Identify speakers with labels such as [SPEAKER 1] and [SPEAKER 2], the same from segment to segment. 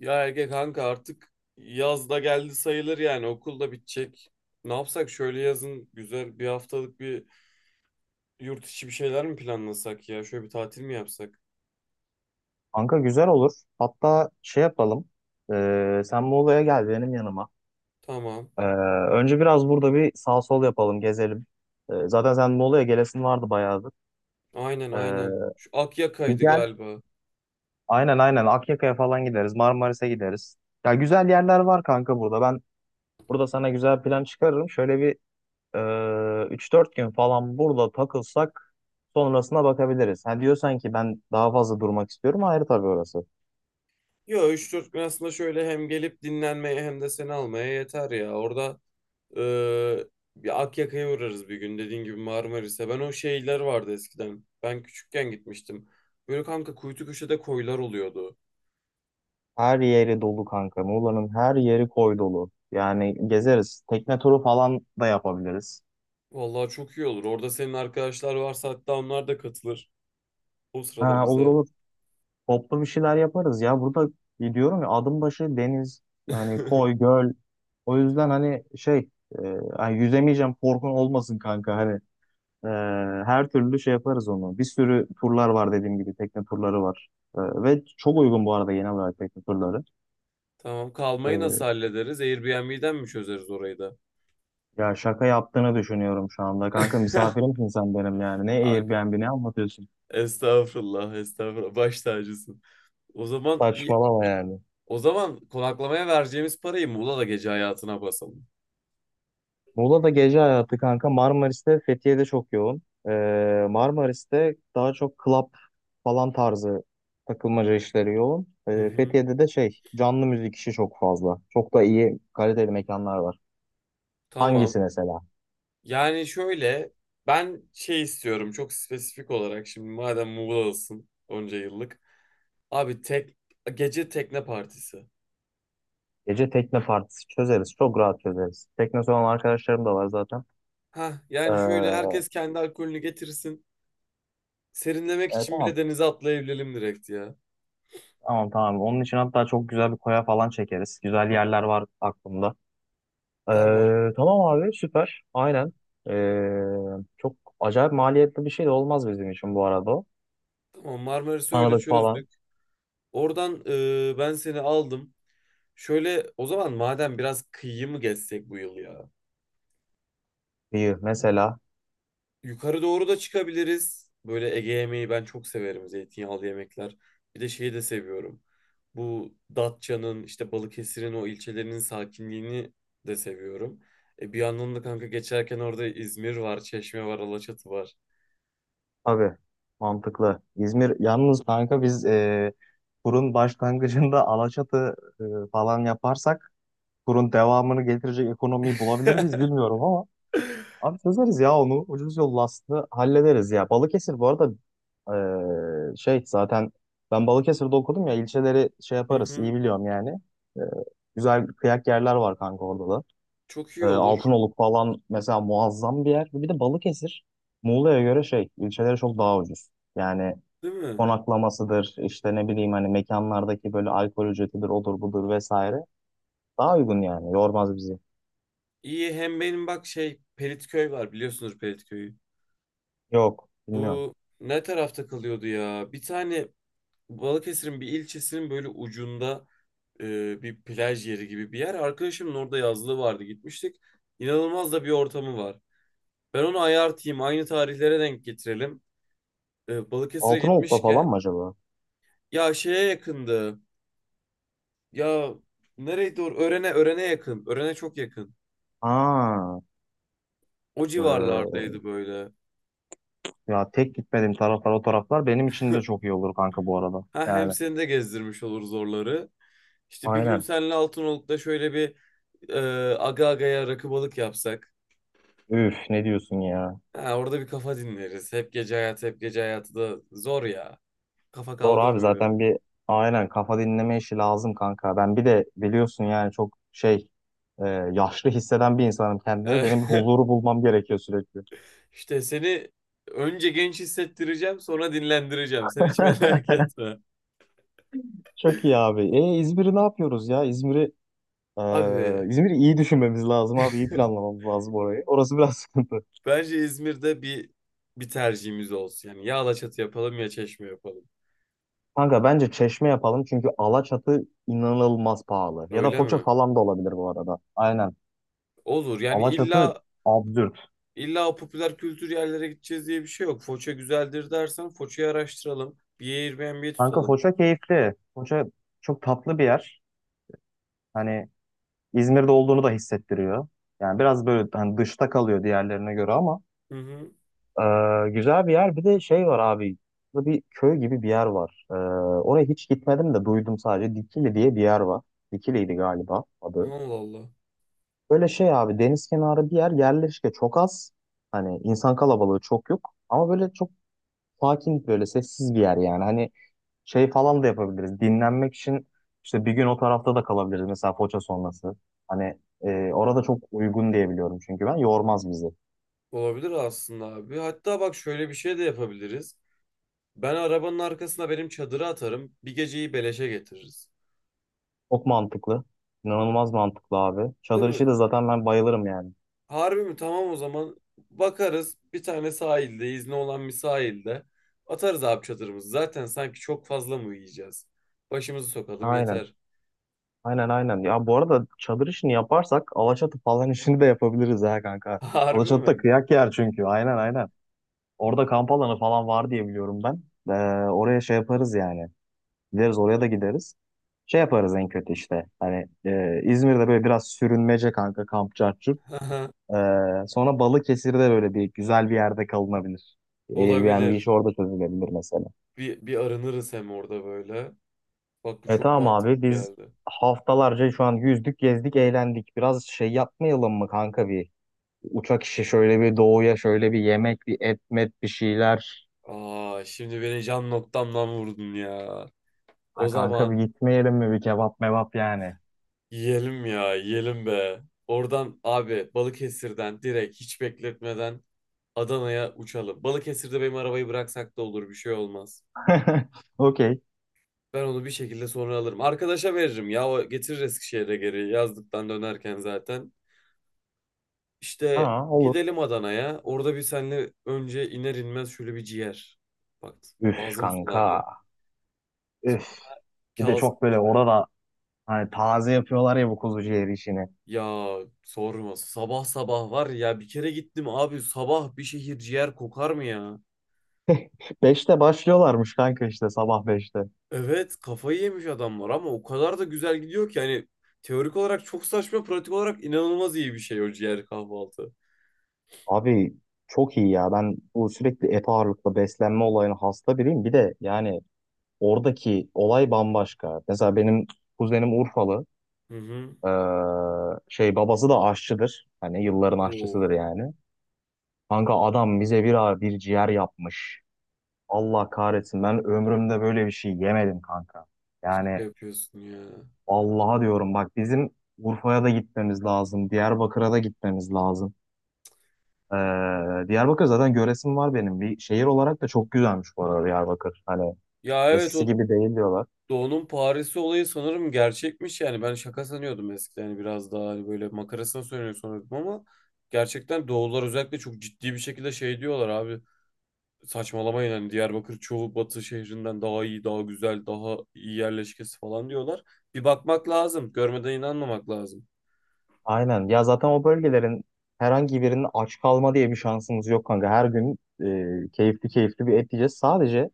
[SPEAKER 1] Ya Ege kanka artık yaz da geldi sayılır yani okul da bitecek. Ne yapsak şöyle yazın güzel bir haftalık bir yurt içi bir şeyler mi planlasak ya? Şöyle bir tatil mi yapsak?
[SPEAKER 2] Kanka güzel olur. Hatta şey yapalım. Sen Muğla'ya gel benim yanıma.
[SPEAKER 1] Tamam.
[SPEAKER 2] Ee, Önce biraz burada bir sağ sol yapalım, gezelim. Zaten sen Muğla'ya gelesin vardı bayağıdır.
[SPEAKER 1] Aynen
[SPEAKER 2] Ee,
[SPEAKER 1] aynen. Şu
[SPEAKER 2] Bir
[SPEAKER 1] Akyaka'ydı
[SPEAKER 2] gel.
[SPEAKER 1] galiba.
[SPEAKER 2] Aynen aynen, Akyaka'ya falan gideriz. Marmaris'e gideriz. Ya güzel yerler var kanka burada. Ben burada sana güzel plan çıkarırım. Şöyle bir e, 3-4 gün falan burada takılsak sonrasına bakabiliriz. Ha diyorsan ki ben daha fazla durmak istiyorum. Ayrı tabii orası.
[SPEAKER 1] Yo, üç dört gün aslında şöyle hem gelip dinlenmeye hem de seni almaya yeter ya. Orada eee, bir Akyaka'ya uğrarız bir gün, dediğin gibi Marmaris'e. Ben o şeyler vardı eskiden. Ben küçükken gitmiştim. Böyle kanka kuytu köşede koylar oluyordu.
[SPEAKER 2] Her yeri dolu kanka. Muğla'nın her yeri koy dolu. Yani gezeriz. Tekne turu falan da yapabiliriz.
[SPEAKER 1] Vallahi çok iyi olur. Orada senin arkadaşlar varsa hatta onlar da katılır. O sırada
[SPEAKER 2] Ha, olur
[SPEAKER 1] bize.
[SPEAKER 2] olur. Toplu bir şeyler yaparız ya. Burada gidiyorum ya, adım başı deniz, yani koy göl. O yüzden hani şey, e, hani yüzemeyeceğim korkun olmasın kanka, hani e, her türlü şey yaparız onu. Bir sürü turlar var, dediğim gibi tekne turları var. Ve çok uygun bu arada genel olarak tekne turları.
[SPEAKER 1] Tamam, kalmayı
[SPEAKER 2] E,
[SPEAKER 1] nasıl hallederiz? Airbnb'den mi çözeriz orayı da?
[SPEAKER 2] Ya şaka yaptığını düşünüyorum şu anda. Kanka misafirimsin sen benim yani. Ne
[SPEAKER 1] Kanka,
[SPEAKER 2] Airbnb ne anlatıyorsun?
[SPEAKER 1] estağfurullah, estağfurullah. Baş tacısın. O zaman iyi-
[SPEAKER 2] Saçmalama yani.
[SPEAKER 1] o zaman konaklamaya vereceğimiz parayı Muğla'da gece hayatına basalım.
[SPEAKER 2] Muğla'da gece hayatı kanka, Marmaris'te, Fethiye'de çok yoğun. Marmaris'te daha çok club falan tarzı takılmaca işleri yoğun.
[SPEAKER 1] Hı hı.
[SPEAKER 2] Fethiye'de de şey, canlı müzik işi çok fazla. Çok da iyi kaliteli mekanlar var.
[SPEAKER 1] Tamam.
[SPEAKER 2] Hangisi mesela?
[SPEAKER 1] Yani şöyle ben şey istiyorum, çok spesifik olarak, şimdi madem Muğla'dasın onca yıllık. Abi, tek gece tekne partisi.
[SPEAKER 2] Gece tekne partisi çözeriz. Çok rahat çözeriz. Tekne olan arkadaşlarım da var zaten.
[SPEAKER 1] Ha yani şöyle
[SPEAKER 2] Ee,
[SPEAKER 1] herkes kendi alkolünü getirsin. Serinlemek için bile
[SPEAKER 2] tamam.
[SPEAKER 1] denize atlayabilelim direkt ya.
[SPEAKER 2] Tamam tamam. Onun için hatta çok güzel bir koya falan çekeriz. Güzel yerler var aklımda.
[SPEAKER 1] Tamam.
[SPEAKER 2] Tamam abi, süper. Aynen. Çok acayip maliyetli bir şey de olmaz bizim için bu arada. O.
[SPEAKER 1] Tamam, Marmaris'i öyle
[SPEAKER 2] Tanıdık falan.
[SPEAKER 1] çözdük. Oradan ben seni aldım. Şöyle o zaman, madem, biraz kıyı mı gezsek bu yıl ya?
[SPEAKER 2] İyi mesela.
[SPEAKER 1] Yukarı doğru da çıkabiliriz. Böyle Ege yemeği ben çok severim. Zeytinyağlı yemekler. Bir de şeyi de seviyorum. Bu Datça'nın, işte Balıkesir'in o ilçelerinin sakinliğini de seviyorum. Bir yandan da kanka geçerken orada İzmir var, Çeşme var, Alaçatı var.
[SPEAKER 2] Tabii. Mantıklı. İzmir yalnız kanka, biz kurun başlangıcında Alaçatı falan yaparsak, kurun devamını getirecek ekonomiyi bulabilir miyiz bilmiyorum ama. Abi çözeriz ya onu. Ucuz yol Last'ı hallederiz ya. Balıkesir bu arada şey, zaten ben Balıkesir'de okudum ya, ilçeleri şey
[SPEAKER 1] Hı
[SPEAKER 2] yaparız,
[SPEAKER 1] hı.
[SPEAKER 2] iyi biliyorum yani. Eee, Güzel kıyak yerler var kanka orada da.
[SPEAKER 1] Çok iyi olur.
[SPEAKER 2] Altınoluk falan mesela muazzam bir yer. Bir de Balıkesir, Muğla'ya göre şey, ilçeleri çok daha ucuz. Yani
[SPEAKER 1] Değil mi?
[SPEAKER 2] konaklamasıdır, işte ne bileyim hani, mekanlardaki böyle alkol ücretidir odur budur vesaire. Daha uygun yani, yormaz bizi.
[SPEAKER 1] İyi, hem benim bak şey Pelitköy var, biliyorsunuz Pelitköy'ü.
[SPEAKER 2] Yok, bilmiyorum.
[SPEAKER 1] Bu ne tarafta kalıyordu ya? Bir tane Balıkesir'in bir ilçesinin böyle ucunda bir plaj yeri gibi bir yer. Arkadaşımın orada yazlığı vardı, gitmiştik. İnanılmaz da bir ortamı var. Ben onu ayartayım, aynı tarihlere denk getirelim. Balıkesir'e
[SPEAKER 2] Altınoluk'ta falan mı
[SPEAKER 1] gitmişken
[SPEAKER 2] acaba?
[SPEAKER 1] ya, şeye yakındı. Ya nereye doğru? Örene, Örene yakın. Örene çok yakın.
[SPEAKER 2] Ha.
[SPEAKER 1] O
[SPEAKER 2] Ee,
[SPEAKER 1] civarlardaydı böyle.
[SPEAKER 2] Ya, tek gitmediğim taraflar o taraflar benim için de çok iyi olur kanka bu arada.
[SPEAKER 1] Ha, hem
[SPEAKER 2] Yani
[SPEAKER 1] seni de gezdirmiş oluruz oraları. İşte bir gün
[SPEAKER 2] aynen.
[SPEAKER 1] seninle Altınoluk'ta şöyle bir e, aga agaya rakı balık yapsak.
[SPEAKER 2] Üf ne diyorsun ya.
[SPEAKER 1] Ha, orada bir kafa dinleriz. Hep gece hayatı, hep gece hayatı da zor ya. Kafa
[SPEAKER 2] Doğru abi,
[SPEAKER 1] kaldırmıyor.
[SPEAKER 2] zaten bir, aynen, kafa dinleme işi lazım kanka. Ben bir de biliyorsun yani çok şey, yaşlı hisseden bir insanım kendimi.
[SPEAKER 1] E,
[SPEAKER 2] Benim bir huzuru bulmam gerekiyor sürekli.
[SPEAKER 1] işte seni önce genç hissettireceğim, sonra dinlendireceğim. Sen hiç merak etme.
[SPEAKER 2] Çok iyi abi. E İzmir'i ne yapıyoruz ya?
[SPEAKER 1] Abi
[SPEAKER 2] E, İzmir'i iyi düşünmemiz lazım abi, iyi planlamamız lazım orayı. Orası biraz sıkıntı.
[SPEAKER 1] bence İzmir'de bir tercihimiz olsun. Yani ya Alaçatı yapalım ya Çeşme yapalım.
[SPEAKER 2] Kanka bence Çeşme yapalım, çünkü Alaçatı inanılmaz pahalı. Ya da
[SPEAKER 1] Öyle
[SPEAKER 2] Foça
[SPEAKER 1] mi?
[SPEAKER 2] falan da olabilir bu arada. Aynen.
[SPEAKER 1] Olur. Yani
[SPEAKER 2] Alaçatı
[SPEAKER 1] illa
[SPEAKER 2] absürt.
[SPEAKER 1] İlla o popüler kültür yerlere gideceğiz diye bir şey yok. Foça güzeldir dersen Foça'yı araştıralım. Bir Airbnb
[SPEAKER 2] Kanka
[SPEAKER 1] tutalım.
[SPEAKER 2] Foça keyifli. Foça çok tatlı bir yer. Hani İzmir'de olduğunu da hissettiriyor. Yani biraz böyle hani dışta kalıyor diğerlerine göre, ama
[SPEAKER 1] Hı hı.
[SPEAKER 2] güzel bir yer. Bir de şey var abi. Burada bir köy gibi bir yer var. Oraya hiç gitmedim de, duydum sadece. Dikili diye bir yer var. Dikili'ydi galiba adı.
[SPEAKER 1] Allah Allah.
[SPEAKER 2] Böyle şey abi, deniz kenarı bir yer, yerleşke çok az. Hani insan kalabalığı çok yok. Ama böyle çok sakin, böyle sessiz bir yer yani. Hani şey falan da yapabiliriz. Dinlenmek için işte bir gün o tarafta da kalabiliriz. Mesela Foça sonrası. Hani orada çok uygun diye biliyorum çünkü ben. Yormaz bizi.
[SPEAKER 1] Olabilir aslında abi. Hatta bak, şöyle bir şey de yapabiliriz. Ben arabanın arkasına benim çadırı atarım. Bir geceyi beleşe getiririz.
[SPEAKER 2] Çok mantıklı. İnanılmaz mantıklı abi.
[SPEAKER 1] Değil
[SPEAKER 2] Çadır işi
[SPEAKER 1] mi?
[SPEAKER 2] de zaten ben bayılırım yani.
[SPEAKER 1] Harbi mi? Tamam o zaman. Bakarız bir tane sahilde, izni olan bir sahilde. Atarız abi çadırımızı. Zaten sanki çok fazla mı yiyeceğiz? Başımızı sokalım
[SPEAKER 2] Aynen.
[SPEAKER 1] yeter.
[SPEAKER 2] Aynen aynen. Ya bu arada çadır işini yaparsak, Alaçatı falan işini de yapabiliriz ha kanka.
[SPEAKER 1] Harbi
[SPEAKER 2] Alaçatı
[SPEAKER 1] mi?
[SPEAKER 2] da kıyak yer çünkü. Aynen aynen. Orada kamp alanı falan var diye biliyorum ben. Oraya şey yaparız yani. Gideriz, oraya da gideriz. Şey yaparız en kötü işte. Hani İzmir'de böyle biraz sürünmece kanka, kamp çarçur. Sonra Balıkesir'de böyle bir güzel bir yerde kalınabilir. Airbnb işi
[SPEAKER 1] Olabilir.
[SPEAKER 2] orada çözülebilir mesela.
[SPEAKER 1] Bir arınırız hem orada böyle. Bak, bu
[SPEAKER 2] E
[SPEAKER 1] çok
[SPEAKER 2] tamam abi,
[SPEAKER 1] mantıklı
[SPEAKER 2] biz
[SPEAKER 1] geldi.
[SPEAKER 2] haftalarca şu an yüzdük, gezdik, eğlendik. Biraz şey yapmayalım mı kanka, bir uçak işi, şöyle bir doğuya, şöyle bir yemek, bir et met, bir şeyler.
[SPEAKER 1] Aa, şimdi beni can noktamdan vurdun ya.
[SPEAKER 2] Ha
[SPEAKER 1] O
[SPEAKER 2] kanka, bir
[SPEAKER 1] zaman
[SPEAKER 2] gitmeyelim mi, bir kebap mebap yani.
[SPEAKER 1] yiyelim ya, yiyelim be. Oradan abi, Balıkesir'den direkt hiç bekletmeden Adana'ya uçalım. Balıkesir'de benim arabayı bıraksak da olur, bir şey olmaz.
[SPEAKER 2] Okey.
[SPEAKER 1] Ben onu bir şekilde sonra alırım. Arkadaşa veririm, ya o getirir Eskişehir'e geri, yazdıktan dönerken zaten. İşte
[SPEAKER 2] Aa, olur.
[SPEAKER 1] gidelim Adana'ya. Orada bir, senle önce iner inmez şöyle bir ciğer. Bak
[SPEAKER 2] Üf
[SPEAKER 1] ağzım sulandı.
[SPEAKER 2] kanka. Üf.
[SPEAKER 1] Sonra
[SPEAKER 2] Bir de
[SPEAKER 1] Kazım
[SPEAKER 2] çok böyle
[SPEAKER 1] Paşa'ya.
[SPEAKER 2] orada, hani taze yapıyorlar ya bu kuzu ciğeri işini.
[SPEAKER 1] Ya sorma. Sabah sabah var ya, bir kere gittim abi, sabah bir şehir ciğer kokar mı ya?
[SPEAKER 2] Beşte başlıyorlarmış kanka, işte sabah beşte.
[SPEAKER 1] Evet, kafayı yemiş adamlar, ama o kadar da güzel gidiyor ki, yani teorik olarak çok saçma, pratik olarak inanılmaz iyi bir şey o ciğer kahvaltı.
[SPEAKER 2] Abi çok iyi ya. Ben bu sürekli et ağırlıklı beslenme olayına hasta biriyim. Bir de yani oradaki olay bambaşka. Mesela benim kuzenim Urfalı.
[SPEAKER 1] Hı hı.
[SPEAKER 2] Ee, Şey, babası da aşçıdır. Hani yılların aşçısıdır
[SPEAKER 1] Oo,
[SPEAKER 2] yani. Kanka adam bize bir ağır bir ciğer yapmış. Allah kahretsin, ben ömrümde böyle bir şey yemedim kanka.
[SPEAKER 1] şaka
[SPEAKER 2] Yani
[SPEAKER 1] yapıyorsun ya.
[SPEAKER 2] Allah'a diyorum bak, bizim Urfa'ya da gitmemiz lazım, Diyarbakır'a da gitmemiz lazım. Ee, Diyarbakır zaten göresim var benim. Bir şehir olarak da çok güzelmiş bu arada Diyarbakır. Hani
[SPEAKER 1] Ya evet,
[SPEAKER 2] eskisi
[SPEAKER 1] o
[SPEAKER 2] gibi değil diyorlar.
[SPEAKER 1] Doğu'nun Paris'i olayı sanırım gerçekmiş, yani ben şaka sanıyordum eskiden, hani biraz daha hani böyle makarasına söylüyor sanıyordum, ama gerçekten Doğular özellikle çok ciddi bir şekilde şey diyorlar abi, saçmalamayın, hani Diyarbakır çoğu batı şehrinden daha iyi, daha güzel, daha iyi yerleşkesi falan diyorlar. Bir bakmak lazım, görmeden inanmamak lazım.
[SPEAKER 2] Aynen. Ya zaten o bölgelerin herhangi birinin aç kalma diye bir şansımız yok kanka. Her gün keyifli keyifli bir et yiyeceğiz. Sadece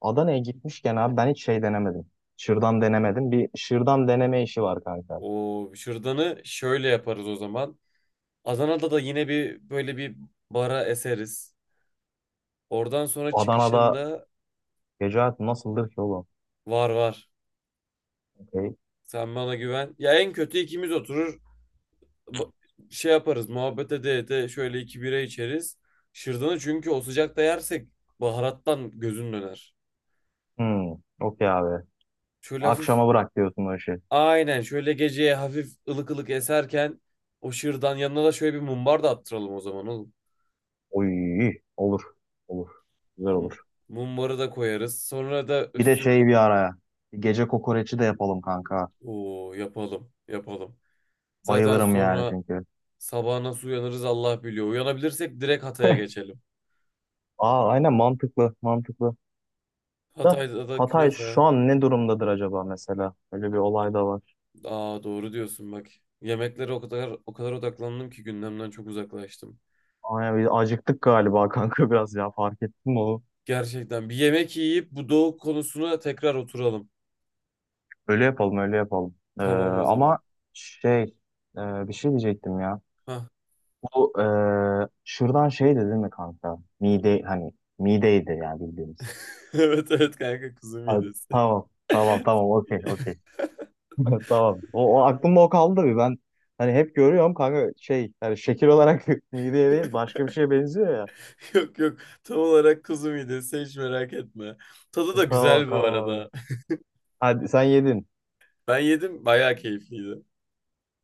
[SPEAKER 2] Adana'ya gitmişken abi, ben hiç şey denemedim, şırdan denemedim. Bir şırdan deneme işi var kanka.
[SPEAKER 1] O şırdanı şöyle yaparız o zaman, Adana'da da yine bir böyle bir bara eseriz, oradan sonra
[SPEAKER 2] Adana'da
[SPEAKER 1] çıkışında
[SPEAKER 2] gece hayatı nasıldır ki oğlum?
[SPEAKER 1] var var.
[SPEAKER 2] Okey.
[SPEAKER 1] Sen bana güven. Ya en kötü ikimiz oturur, ba- şey yaparız, muhabbet ede ede şöyle iki bira içeriz. Şırdanı çünkü o sıcakta yersek baharattan gözün döner.
[SPEAKER 2] Hmm, okey abi.
[SPEAKER 1] Şöyle hafif,
[SPEAKER 2] Akşama bırak diyorsun o işi.
[SPEAKER 1] aynen, şöyle geceye hafif ılık ılık eserken o şırdan yanına da şöyle bir mumbar da attıralım o zaman oğlum.
[SPEAKER 2] Oy, olur. Olur. Güzel
[SPEAKER 1] Tam
[SPEAKER 2] olur.
[SPEAKER 1] mumbarı da koyarız. Sonra da
[SPEAKER 2] Bir de
[SPEAKER 1] üstüne
[SPEAKER 2] şey, bir araya, bir gece kokoreçi de yapalım kanka.
[SPEAKER 1] o yapalım, yapalım. Zaten
[SPEAKER 2] Bayılırım yani
[SPEAKER 1] sonra
[SPEAKER 2] çünkü.
[SPEAKER 1] sabah nasıl uyanırız Allah biliyor. Uyanabilirsek direkt Hatay'a geçelim.
[SPEAKER 2] Aa aynen, mantıklı, mantıklı. Da
[SPEAKER 1] Hatay'da da
[SPEAKER 2] Hatay
[SPEAKER 1] künefe.
[SPEAKER 2] şu an ne durumdadır acaba mesela? Öyle bir olay da var.
[SPEAKER 1] Aa, doğru diyorsun bak. Yemeklere o kadar o kadar odaklandım ki gündemden çok uzaklaştım.
[SPEAKER 2] Aynen, bir acıktık galiba kanka biraz, ya fark ettin mi onu?
[SPEAKER 1] Gerçekten bir yemek yiyip bu doğu konusuna tekrar oturalım.
[SPEAKER 2] Öyle yapalım, öyle yapalım.
[SPEAKER 1] Tamam o zaman.
[SPEAKER 2] Ama şey, bir şey diyecektim ya.
[SPEAKER 1] Hah.
[SPEAKER 2] Bu şuradan şey dedin mi kanka? Mide, hani mideydi yani bildiğimiz.
[SPEAKER 1] Evet evet kanka, kuzu
[SPEAKER 2] Ha,
[SPEAKER 1] midesi.
[SPEAKER 2] tamam tamam tamam, okey okey. Tamam. O, o aklımda o kaldı bir, ben hani hep görüyorum kanka şey, yani şekil olarak mideye değil başka bir şeye benziyor ya.
[SPEAKER 1] Yok yok, tam olarak kuzu midesi, hiç merak etme. Tadı da
[SPEAKER 2] Tamam
[SPEAKER 1] güzel bu
[SPEAKER 2] tamam abi.
[SPEAKER 1] arada.
[SPEAKER 2] Hadi sen yedin.
[SPEAKER 1] Ben yedim, bayağı keyifliydi.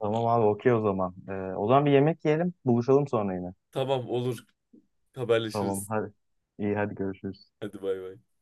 [SPEAKER 2] Tamam abi, okey o zaman. O zaman bir yemek yiyelim, buluşalım sonra yine.
[SPEAKER 1] Tamam, olur,
[SPEAKER 2] Tamam
[SPEAKER 1] haberleşiriz.
[SPEAKER 2] hadi. İyi hadi, görüşürüz.
[SPEAKER 1] Hadi, bay bay.